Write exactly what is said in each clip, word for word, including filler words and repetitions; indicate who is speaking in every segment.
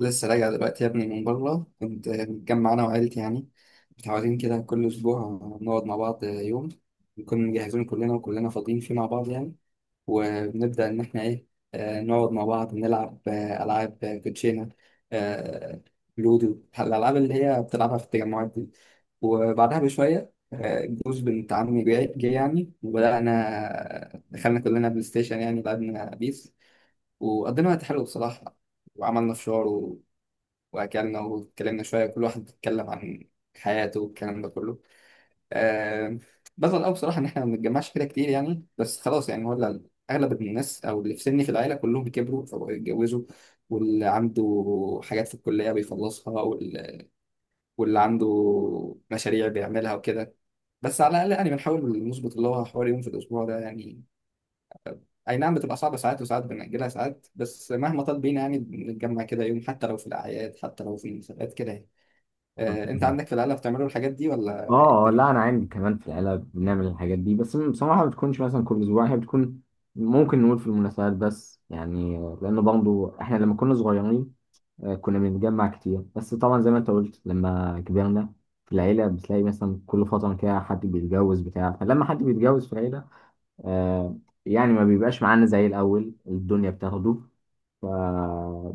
Speaker 1: لسه راجع دلوقتي يا ابني من بره. كنت متجمع انا وعيلتي يعني متعودين كده كل اسبوع نقعد مع بعض يوم، نكون مجهزين كلنا وكلنا فاضيين فيه مع بعض يعني. وبنبدأ ان احنا ايه، آه، نقعد مع بعض نلعب آه، العاب، آه، كوتشينه، آه، لودو، الالعاب اللي هي بتلعبها في التجمعات دي. وبعدها بشويه آه، جوز بنت عمي جاي جاي يعني، وبدأنا آه، دخلنا كلنا بلاي ستيشن، يعني لعبنا بيس وقضينا وقت حلو بصراحة. وعملنا فشار واكلنا واتكلمنا شويه، كل واحد اتكلم عن حياته والكلام ده كله. آه بزعل قوي بصراحه ان احنا ما بنتجمعش كده كتير يعني، بس خلاص يعني، ولا اغلب الناس او اللي في سني في العيله كلهم كبروا فبقوا يتجوزوا، واللي عنده حاجات في الكليه بيخلصها، وال- واللي عنده مشاريع بيعملها وكده. بس على الاقل يعني بنحاول نظبط اللي هو حوالي يوم في الاسبوع ده يعني. اي نعم بتبقى صعبه ساعات، وساعات بنأجلها ساعات، بس مهما طال بينا يعني بنتجمع كده يوم، حتى لو في الاعياد، حتى لو في المناسبات كده يعني.
Speaker 2: اه،
Speaker 1: آه، انت عندك في العيله بتعملوا الحاجات دي ولا إيه
Speaker 2: آه،
Speaker 1: الدنيا؟
Speaker 2: لا، انا عندي كمان في العيله بنعمل الحاجات دي. بس بصراحه ما بتكونش مثلا كل اسبوع، هي بتكون ممكن نقول في المناسبات بس، يعني لان برضه احنا لما كنا صغيرين آه، كنا بنتجمع كتير. بس طبعا زي ما انت قلت، لما كبرنا في العيله بتلاقي مثلا كل فتره كده حد بيتجوز بتاع، فلما حد بيتجوز في العيله آه، يعني ما بيبقاش معانا زي الأول، الدنيا بتاخده. ف...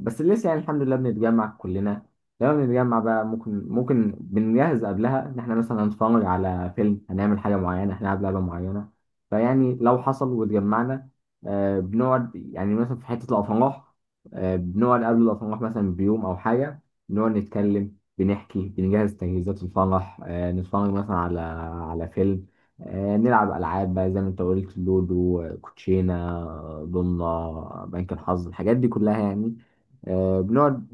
Speaker 2: بس لسه يعني الحمد لله بنتجمع كلنا. لما بنتجمع بقى ممكن ممكن بنجهز قبلها إن إحنا مثلا هنتفرج على فيلم، هنعمل حاجة معينة، هنلعب لعبة معينة. فيعني لو حصل واتجمعنا، آه، بنقعد يعني مثلا في حتة الأفراح. آه، بنقعد قبل الأفراح مثلا بيوم أو حاجة. بنقعد نتكلم، بنحكي، بنجهز تجهيزات الفرح. آه، نتفرج مثلا على على فيلم. آه، نلعب ألعاب بقى زي ما أنت قلت، لودو، آه، كوتشينة، آه، ضمنة، آه، بنك الحظ، الحاجات دي كلها يعني. آه، بنقعد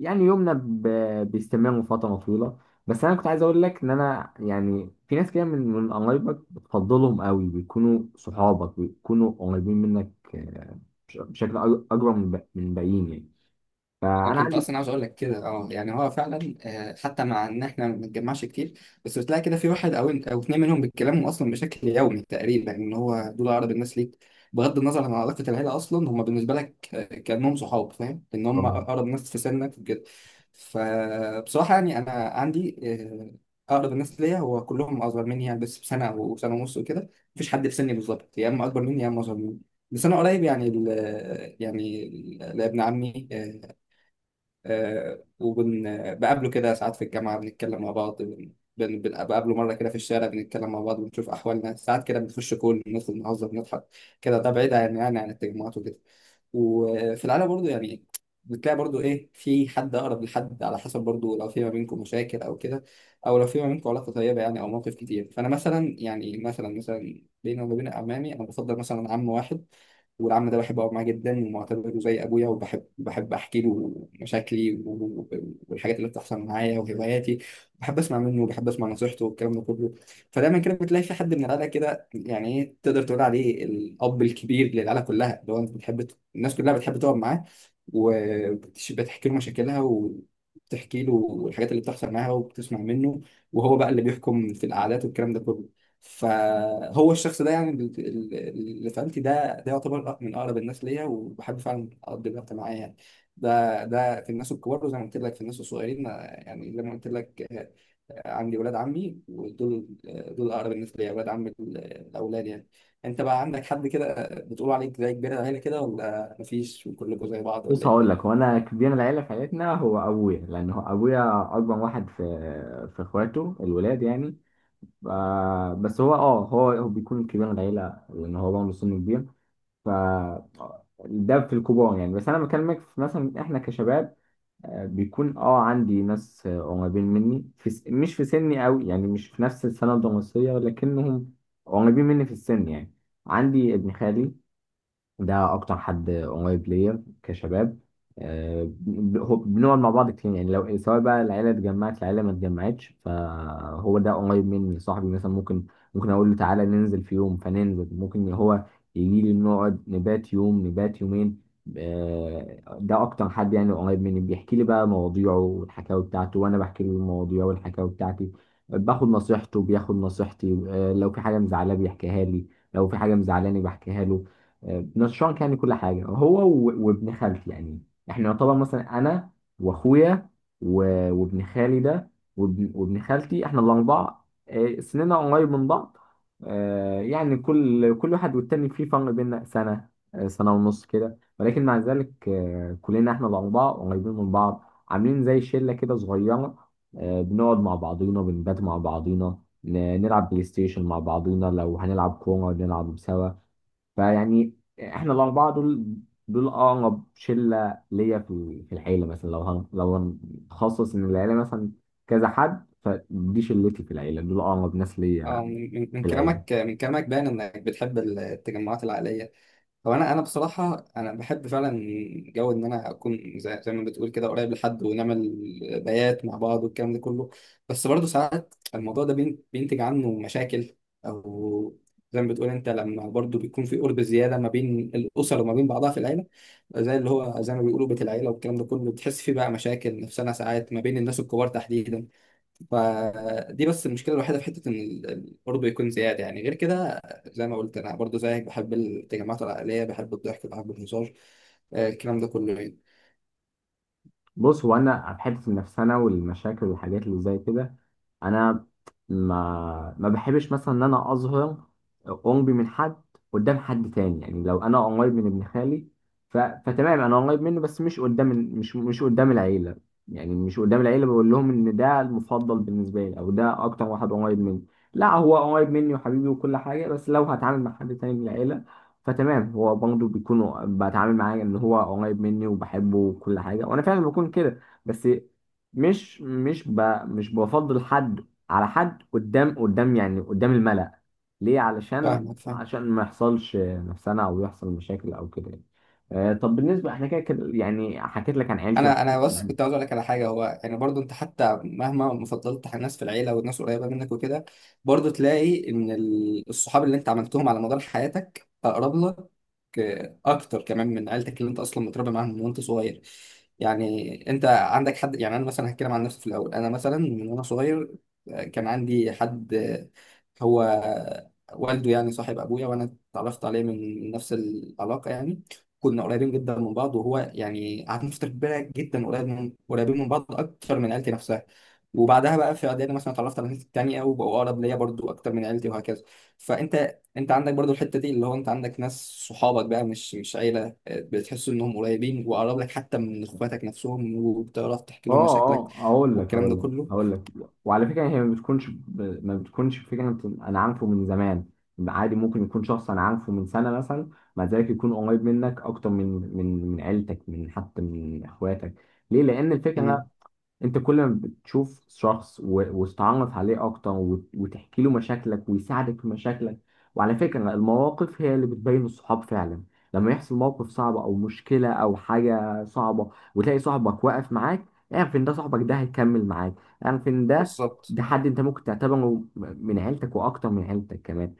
Speaker 2: يعني يومنا ب- بيستمر فترة طويلة. بس أنا كنت عايز أقول لك إن أنا يعني في ناس كده من من قرايبك بتفضلهم قوي، بيكونوا صحابك، بيكونوا قريبين منك آه، بش- بشكل أج- أكبر من الب- من الباقيين يعني.
Speaker 1: انا
Speaker 2: فأنا
Speaker 1: كنت اصلا
Speaker 2: عندي،
Speaker 1: عاوز اقول لك كده اه، يعني هو فعلا آه، حتى مع ان احنا ما بنتجمعش كتير، بس بتلاقي كده في واحد او او اتنين منهم بيتكلموا اصلا بشكل يومي تقريبا، ان هو دول اقرب الناس ليك بغض النظر عن علاقه العيله، اصلا هم بالنسبه لك آه، كانهم صحاب، فاهم؟ ان هم اقرب ناس في سنك وكده. فبصراحه يعني انا عندي، آه، اقرب الناس ليا هو كلهم اصغر مني يعني، بس بسنه او سنه ونص وكده. مفيش حد في سني بالظبط، يا اما اكبر مني يا اما اصغر مني. بس انا قريب يعني ال يعني ال- لابن عمي، آه، وبقابله كده ساعات في الجامعة بنتكلم مع بعض، بن- بن- بن- بقابله مرة كده في الشارع بنتكلم مع بعض، بنشوف أحوالنا ساعات كده، بنخش كل ندخل نهزر نضحك كده. ده بعيد عن يعني عن التجمعات وكده. وفي العالم برضو يعني بتلاقي برضو إيه، في حد أقرب لحد على حسب برضو، لو في ما بينكم مشاكل أو كده، أو لو في ما بينكم علاقة طيبة يعني، أو مواقف كتير. فأنا مثلا يعني، مثلا مثلا بيني وما بين عمامي أنا بفضل مثلا عم واحد، والعم ده بحب أقعد معاه جدا ومعتبره زي أبويا، وبحب بحب أحكي له مشاكلي و- و- والحاجات اللي بتحصل معايا وهواياتي. بحب أسمع منه وبحب أسمع نصيحته والكلام ده كله. فدايما كده بتلاقي في حد من العيلة كده يعني إيه، تقدر تقول عليه الأب الكبير للعيلة كلها، اللي هو أنت بتحب ت- الناس كلها بتحب تقعد معاه وبتحكي له مشاكلها وبتحكي له الحاجات اللي بتحصل معاها وبتسمع منه، وهو بقى اللي بيحكم في القعدات والكلام ده كله. فهو الشخص ده يعني اللي اللي في عيلتي ده، ده يعتبر من اقرب الناس ليا وبحب فعلا اقضي الوقت معاه يعني. ده ده في الناس الكبار، وزي ما قلت لك في الناس الصغيرين، آه، يعني لما قلت لك آه، آه، عندي ولاد عمي، ودول آه، دول اقرب الناس ليا، ولاد عمي ال- الاولاد يعني. انت بقى عندك حد كده بتقول عليك زي كبير العيله كده، ولا مفيش وكلكم زي بعض، ولا
Speaker 2: بص
Speaker 1: ايه
Speaker 2: هقول لك، هو
Speaker 1: الدنيا؟
Speaker 2: أنا كبير العيلة في عيلتنا هو أبويا، لأن هو أبويا أكبر واحد في في إخواته الولاد يعني. ف- بس هو اه هو هو بيكون كبير من العيلة لأن هو برضه سنه كبير. ف ده في الكبار يعني. بس أنا بكلمك في مثلا إحنا كشباب، آه، بيكون اه عندي ناس، آه، قريبين مني في س... مش في سني أوي، يعني مش في نفس السنة الدراسية، لكنهم قريبين مني في السن يعني. عندي ابن خالي، ده اكتر حد قريب ليا كشباب. آه، ب- هو- بنقعد مع بعض كتير. يعني لو سواء بقى العيله اتجمعت، العيله ما اتجمعتش، فهو ده قريب مني، صاحبي، مثلا ممكن ممكن اقول له تعالى ننزل في يوم فننزل، ممكن هو يجي لي نقعد نبات يوم، نبات يومين. آه، ده اكتر حد يعني قريب مني. بيحكي لي بقى مواضيعه والحكاوي بتاعته، وانا بحكي له المواضيع والحكاوي بتاعتي. باخد نصيحته، بياخد نصيحتي. آه، لو في حاجه مزعلاه بيحكيها لي، لو في حاجه مزعلاني بحكيها له. نشان كان كل حاجه، هو و- وابن خالتي يعني. احنا طبعا مثلا انا واخويا و- وابن خالي ده وابن, وابن خالتي، احنا الاربعه. آه، سننا قريب من بعض. آه، يعني كل كل واحد والتاني في فرق بيننا سنه، آه، سنه ونص كده. ولكن مع ذلك آه، كلنا احنا الاربعه قريبين من بعض، عاملين زي شله كده صغيره. آه، بنقعد مع بعضينا، بنبات مع بعضينا، ن- نلعب بلاي ستيشن مع بعضينا، لو هنلعب كوره نلعب سوا. فيعني احنا الاربعه دول، دول اقرب شله ليا في في العيله. مثلا لو هن- لو هنخصص ان العيله مثلا كذا حد، فدي شلتي في العيله، دول اقرب ناس
Speaker 1: اه،
Speaker 2: ليا
Speaker 1: من من- من
Speaker 2: في العيله.
Speaker 1: كلامك، من كلامك باين انك بتحب التجمعات العائليه. هو انا انا بصراحه انا بحب فعلا جو ان انا اكون زي, زي ما بتقول كده قريب لحد، ونعمل بيات مع بعض والكلام ده كله. بس برضه ساعات الموضوع ده بين- بينتج عنه مشاكل، او زي ما بتقول انت، لما برضه بيكون في قرب زياده ما بين الاسر وما بين بعضها في العيله، زي اللي هو زي ما بيقولوا بيت العيله والكلام ده كله، بتحس فيه بقى مشاكل نفسنا ساعات ما بين الناس الكبار تحديدا. فدي بس المشكله الوحيده في حته ان ال- ال- برضه يكون زياده يعني. غير كده زي ما قلت، انا برضه زيك بحب التجمعات العائليه، بحب الضحك بحب الهزار، آه، الكلام ده كله يعني.
Speaker 2: بص هو انا في حته النفسنه والمشاكل والحاجات اللي زي كده، انا ما ما بحبش مثلا ان انا اظهر قربي من حد قدام حد تاني. يعني لو انا قريب من ابن خالي، ف... فتمام انا قريب منه، بس مش قدام ال- مش مش قدام العيله. يعني مش قدام العيله بقول لهم ان ده المفضل بالنسبه لي، او ده اكتر واحد قريب مني. لا، هو قريب مني وحبيبي وكل حاجه، بس لو هتعامل مع حد تاني من العيله فتمام، هو برضه بيكون، بتعامل معاه ان هو قريب مني وبحبه وكل حاجه، وانا فعلا بكون كده. بس مش مش ب مش بفضل حد على حد، قدام قدام يعني قدام الملأ. ليه؟ علشان
Speaker 1: فاهمك، فاهم.
Speaker 2: عشان ما يحصلش نفسنا او يحصل مشاكل او كده يعني. آه، طب بالنسبه احنا كده كده، يعني حكيت لك عن عيلتي
Speaker 1: انا انا
Speaker 2: وحكيت
Speaker 1: بس
Speaker 2: يعني.
Speaker 1: كنت عاوز اقول لك على حاجه، هو يعني برضو انت حتى مهما ما فضلت الناس في العيله والناس قريبه منك وكده، برضو تلاقي ان ال- الصحاب اللي انت عملتهم على مدار حياتك اقرب لك اكتر كمان من عيلتك اللي انت اصلا متربي معاهم من وانت صغير. يعني انت عندك حد يعني، انا مثلا هتكلم عن نفسي في الاول. انا مثلا من وانا صغير آه، كان عندي حد، هو والده يعني صاحب ابويا، وانا اتعرفت عليه من نفس العلاقه يعني. كنا قريبين جدا من بعض، وهو يعني قعدنا فترة كبيرة جدا قريب من قريبين من بعض أكتر من عيلتي نفسها. وبعدها بقى في إعدادي مثلا اتعرفت على ناس تانية وبقوا أقرب ليا برضو أكتر من عيلتي، وهكذا. فأنت أنت عندك برضو الحتة دي، اللي هو أنت عندك ناس، صحابك بقى مش مش عيلة، بتحس إنهم قريبين وأقرب لك حتى من إخواتك نفسهم، وبتعرف تحكي لهم
Speaker 2: اه،
Speaker 1: مشاكلك
Speaker 2: اه، اقول لك،
Speaker 1: والكلام ده
Speaker 2: هقول لك
Speaker 1: كله.
Speaker 2: هقول لك وعلى فكره، هي ما بتكونش ب... ما بتكونش فكره، انت- انا عارفه من زمان. عادي ممكن يكون شخص انا عارفه من سنه مثلا، مع ذلك يكون قريب منك اكتر من من من عيلتك، من حتى من اخواتك. ليه؟ لان الفكره
Speaker 1: مم.
Speaker 2: انت كل ما بتشوف شخص و- وتتعرف عليه اكتر وت- وتحكي له مشاكلك، ويساعدك في مشاكلك. وعلى فكرة، المواقف هي اللي بتبين الصحاب فعلا. لما يحصل موقف صعب او مشكلة او حاجة صعبة، وتلاقي صاحبك واقف معاك، اعرف ان ده صاحبك، ده هيكمل معاك. اعرف ان ده
Speaker 1: بالظبط.
Speaker 2: ده حد انت ممكن تعتبره من عيلتك، واكتر من عيلتك كمان.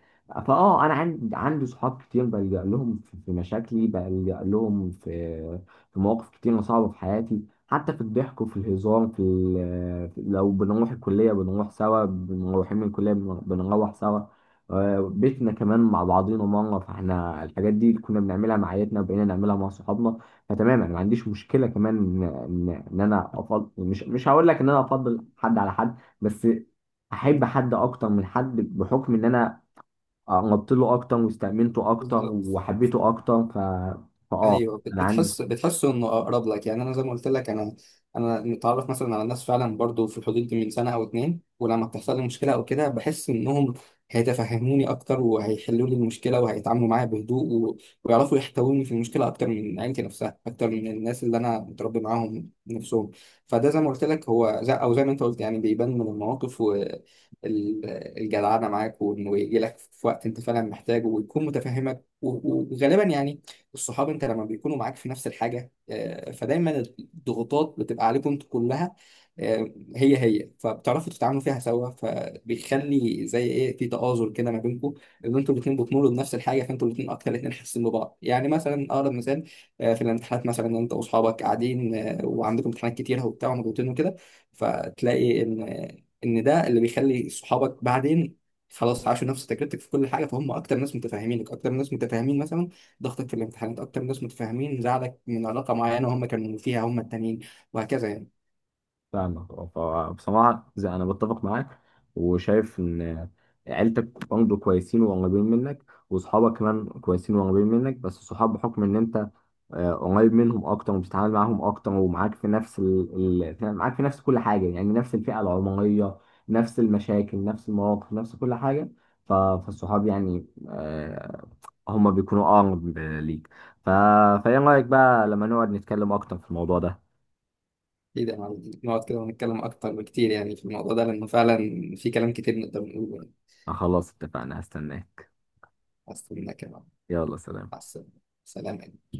Speaker 2: فاه، انا عندي عندي صحاب كتير، بلجأ لهم في في مشاكلي، بلجأ لهم في في مواقف كتير صعبة في حياتي. حتى في الضحك وفي الهزار، في ال- لو بنروح الكلية بنروح سوا، بنروحين من الكلية بن- بنروح سوا. آه، بيتنا كمان مع بعضينا مرة. فاحنا الحاجات دي كنا بنعملها مع عائلتنا، وبقينا نعملها مع صحابنا. فتمام انا ما عنديش مشكلة كمان، ان ان إن انا افضل، مش مش هقول لك ان انا افضل حد على حد، بس احب حد اكتر من حد بحكم ان انا قربت له اكتر، واستأمنته اكتر،
Speaker 1: بالظبط.
Speaker 2: وحبيته اكتر. ف... فاه،
Speaker 1: ايوه، بت-
Speaker 2: انا عندي.
Speaker 1: بتحس بتحس انه اقرب لك يعني. انا زي ما قلت لك، انا انا متعرف مثلا على الناس فعلا برضو في الحدود دي من سنه او اتنين، ولما بتحصل لي مشكله او كده، بحس انهم هيتفهموني اكتر وهيحلوا لي المشكله وهيتعاملوا معايا بهدوء، و... ويعرفوا يحتووني في المشكله اكتر من عيلتي نفسها، اكتر من الناس اللي انا متربي معاهم نفسهم. فده زي ما قلت لك هو زي، او زي ما انت قلت يعني، بيبان من المواقف والجدعنه معاك، وانه يجي لك في وقت انت فعلا محتاجه، ويكون متفهمك. و... وغالبا يعني الصحاب انت لما بيكونوا معاك في نفس الحاجه، آه، فدايما الضغوطات بتبقى عليكم انتوا كلها، آه، هي هي فبتعرفوا تتعاملوا فيها سوا، فبيخلي زي ايه، في تآزر كده ما بينكم. ان انتوا الاثنين بتمروا بنفس الحاجه، فانتوا الاثنين اكتر، الاثنين حاسين ببعض يعني. مثلا اقرب مثال، آه، في الامتحانات مثلا انت واصحابك قاعدين آه، وعندكم امتحانات كتيره وبتاع ومضغوطين وكده، فتلاقي ان ان ده اللي بيخلي صحابك بعدين خلاص عاشوا نفس تجربتك في كل حاجه. فهم اكتر ناس متفاهمينك، اكتر ناس متفاهمين مثلا ضغطك في الامتحانات، اكتر ناس متفاهمين زعلك من علاقه معينه هم كانوا فيها هم التانيين، وهكذا يعني.
Speaker 2: فاهمك، اه فبصراحة زي أنا بتفق معاك، وشايف إن عيلتك برضه كويسين وقريبين منك، وصحابك كمان كويسين وقريبين منك. بس الصحاب بحكم إن أنت آه، قريب منهم أكتر، وبتتعامل معاهم أكتر، ومعاك في نفس ال... ال... يعني معاك في نفس كل حاجة. يعني نفس الفئة العمرية، نفس المشاكل، نفس المواقف، نفس كل حاجة. ف... فالصحاب يعني آه، هما بيكونوا أقرب ليك. ف... فإيه رأيك بقى لما نقعد نتكلم أكتر في الموضوع ده؟
Speaker 1: ايه ده معلم. نقعد كده ونتكلم اكتر بكتير يعني في الموضوع ده، لانه فعلا في كلام كتير نقدر نقوله يعني.
Speaker 2: خلاص اتفقنا، هستناك.
Speaker 1: اصلا كده
Speaker 2: يلا سلام.
Speaker 1: مع السلامه. سلام.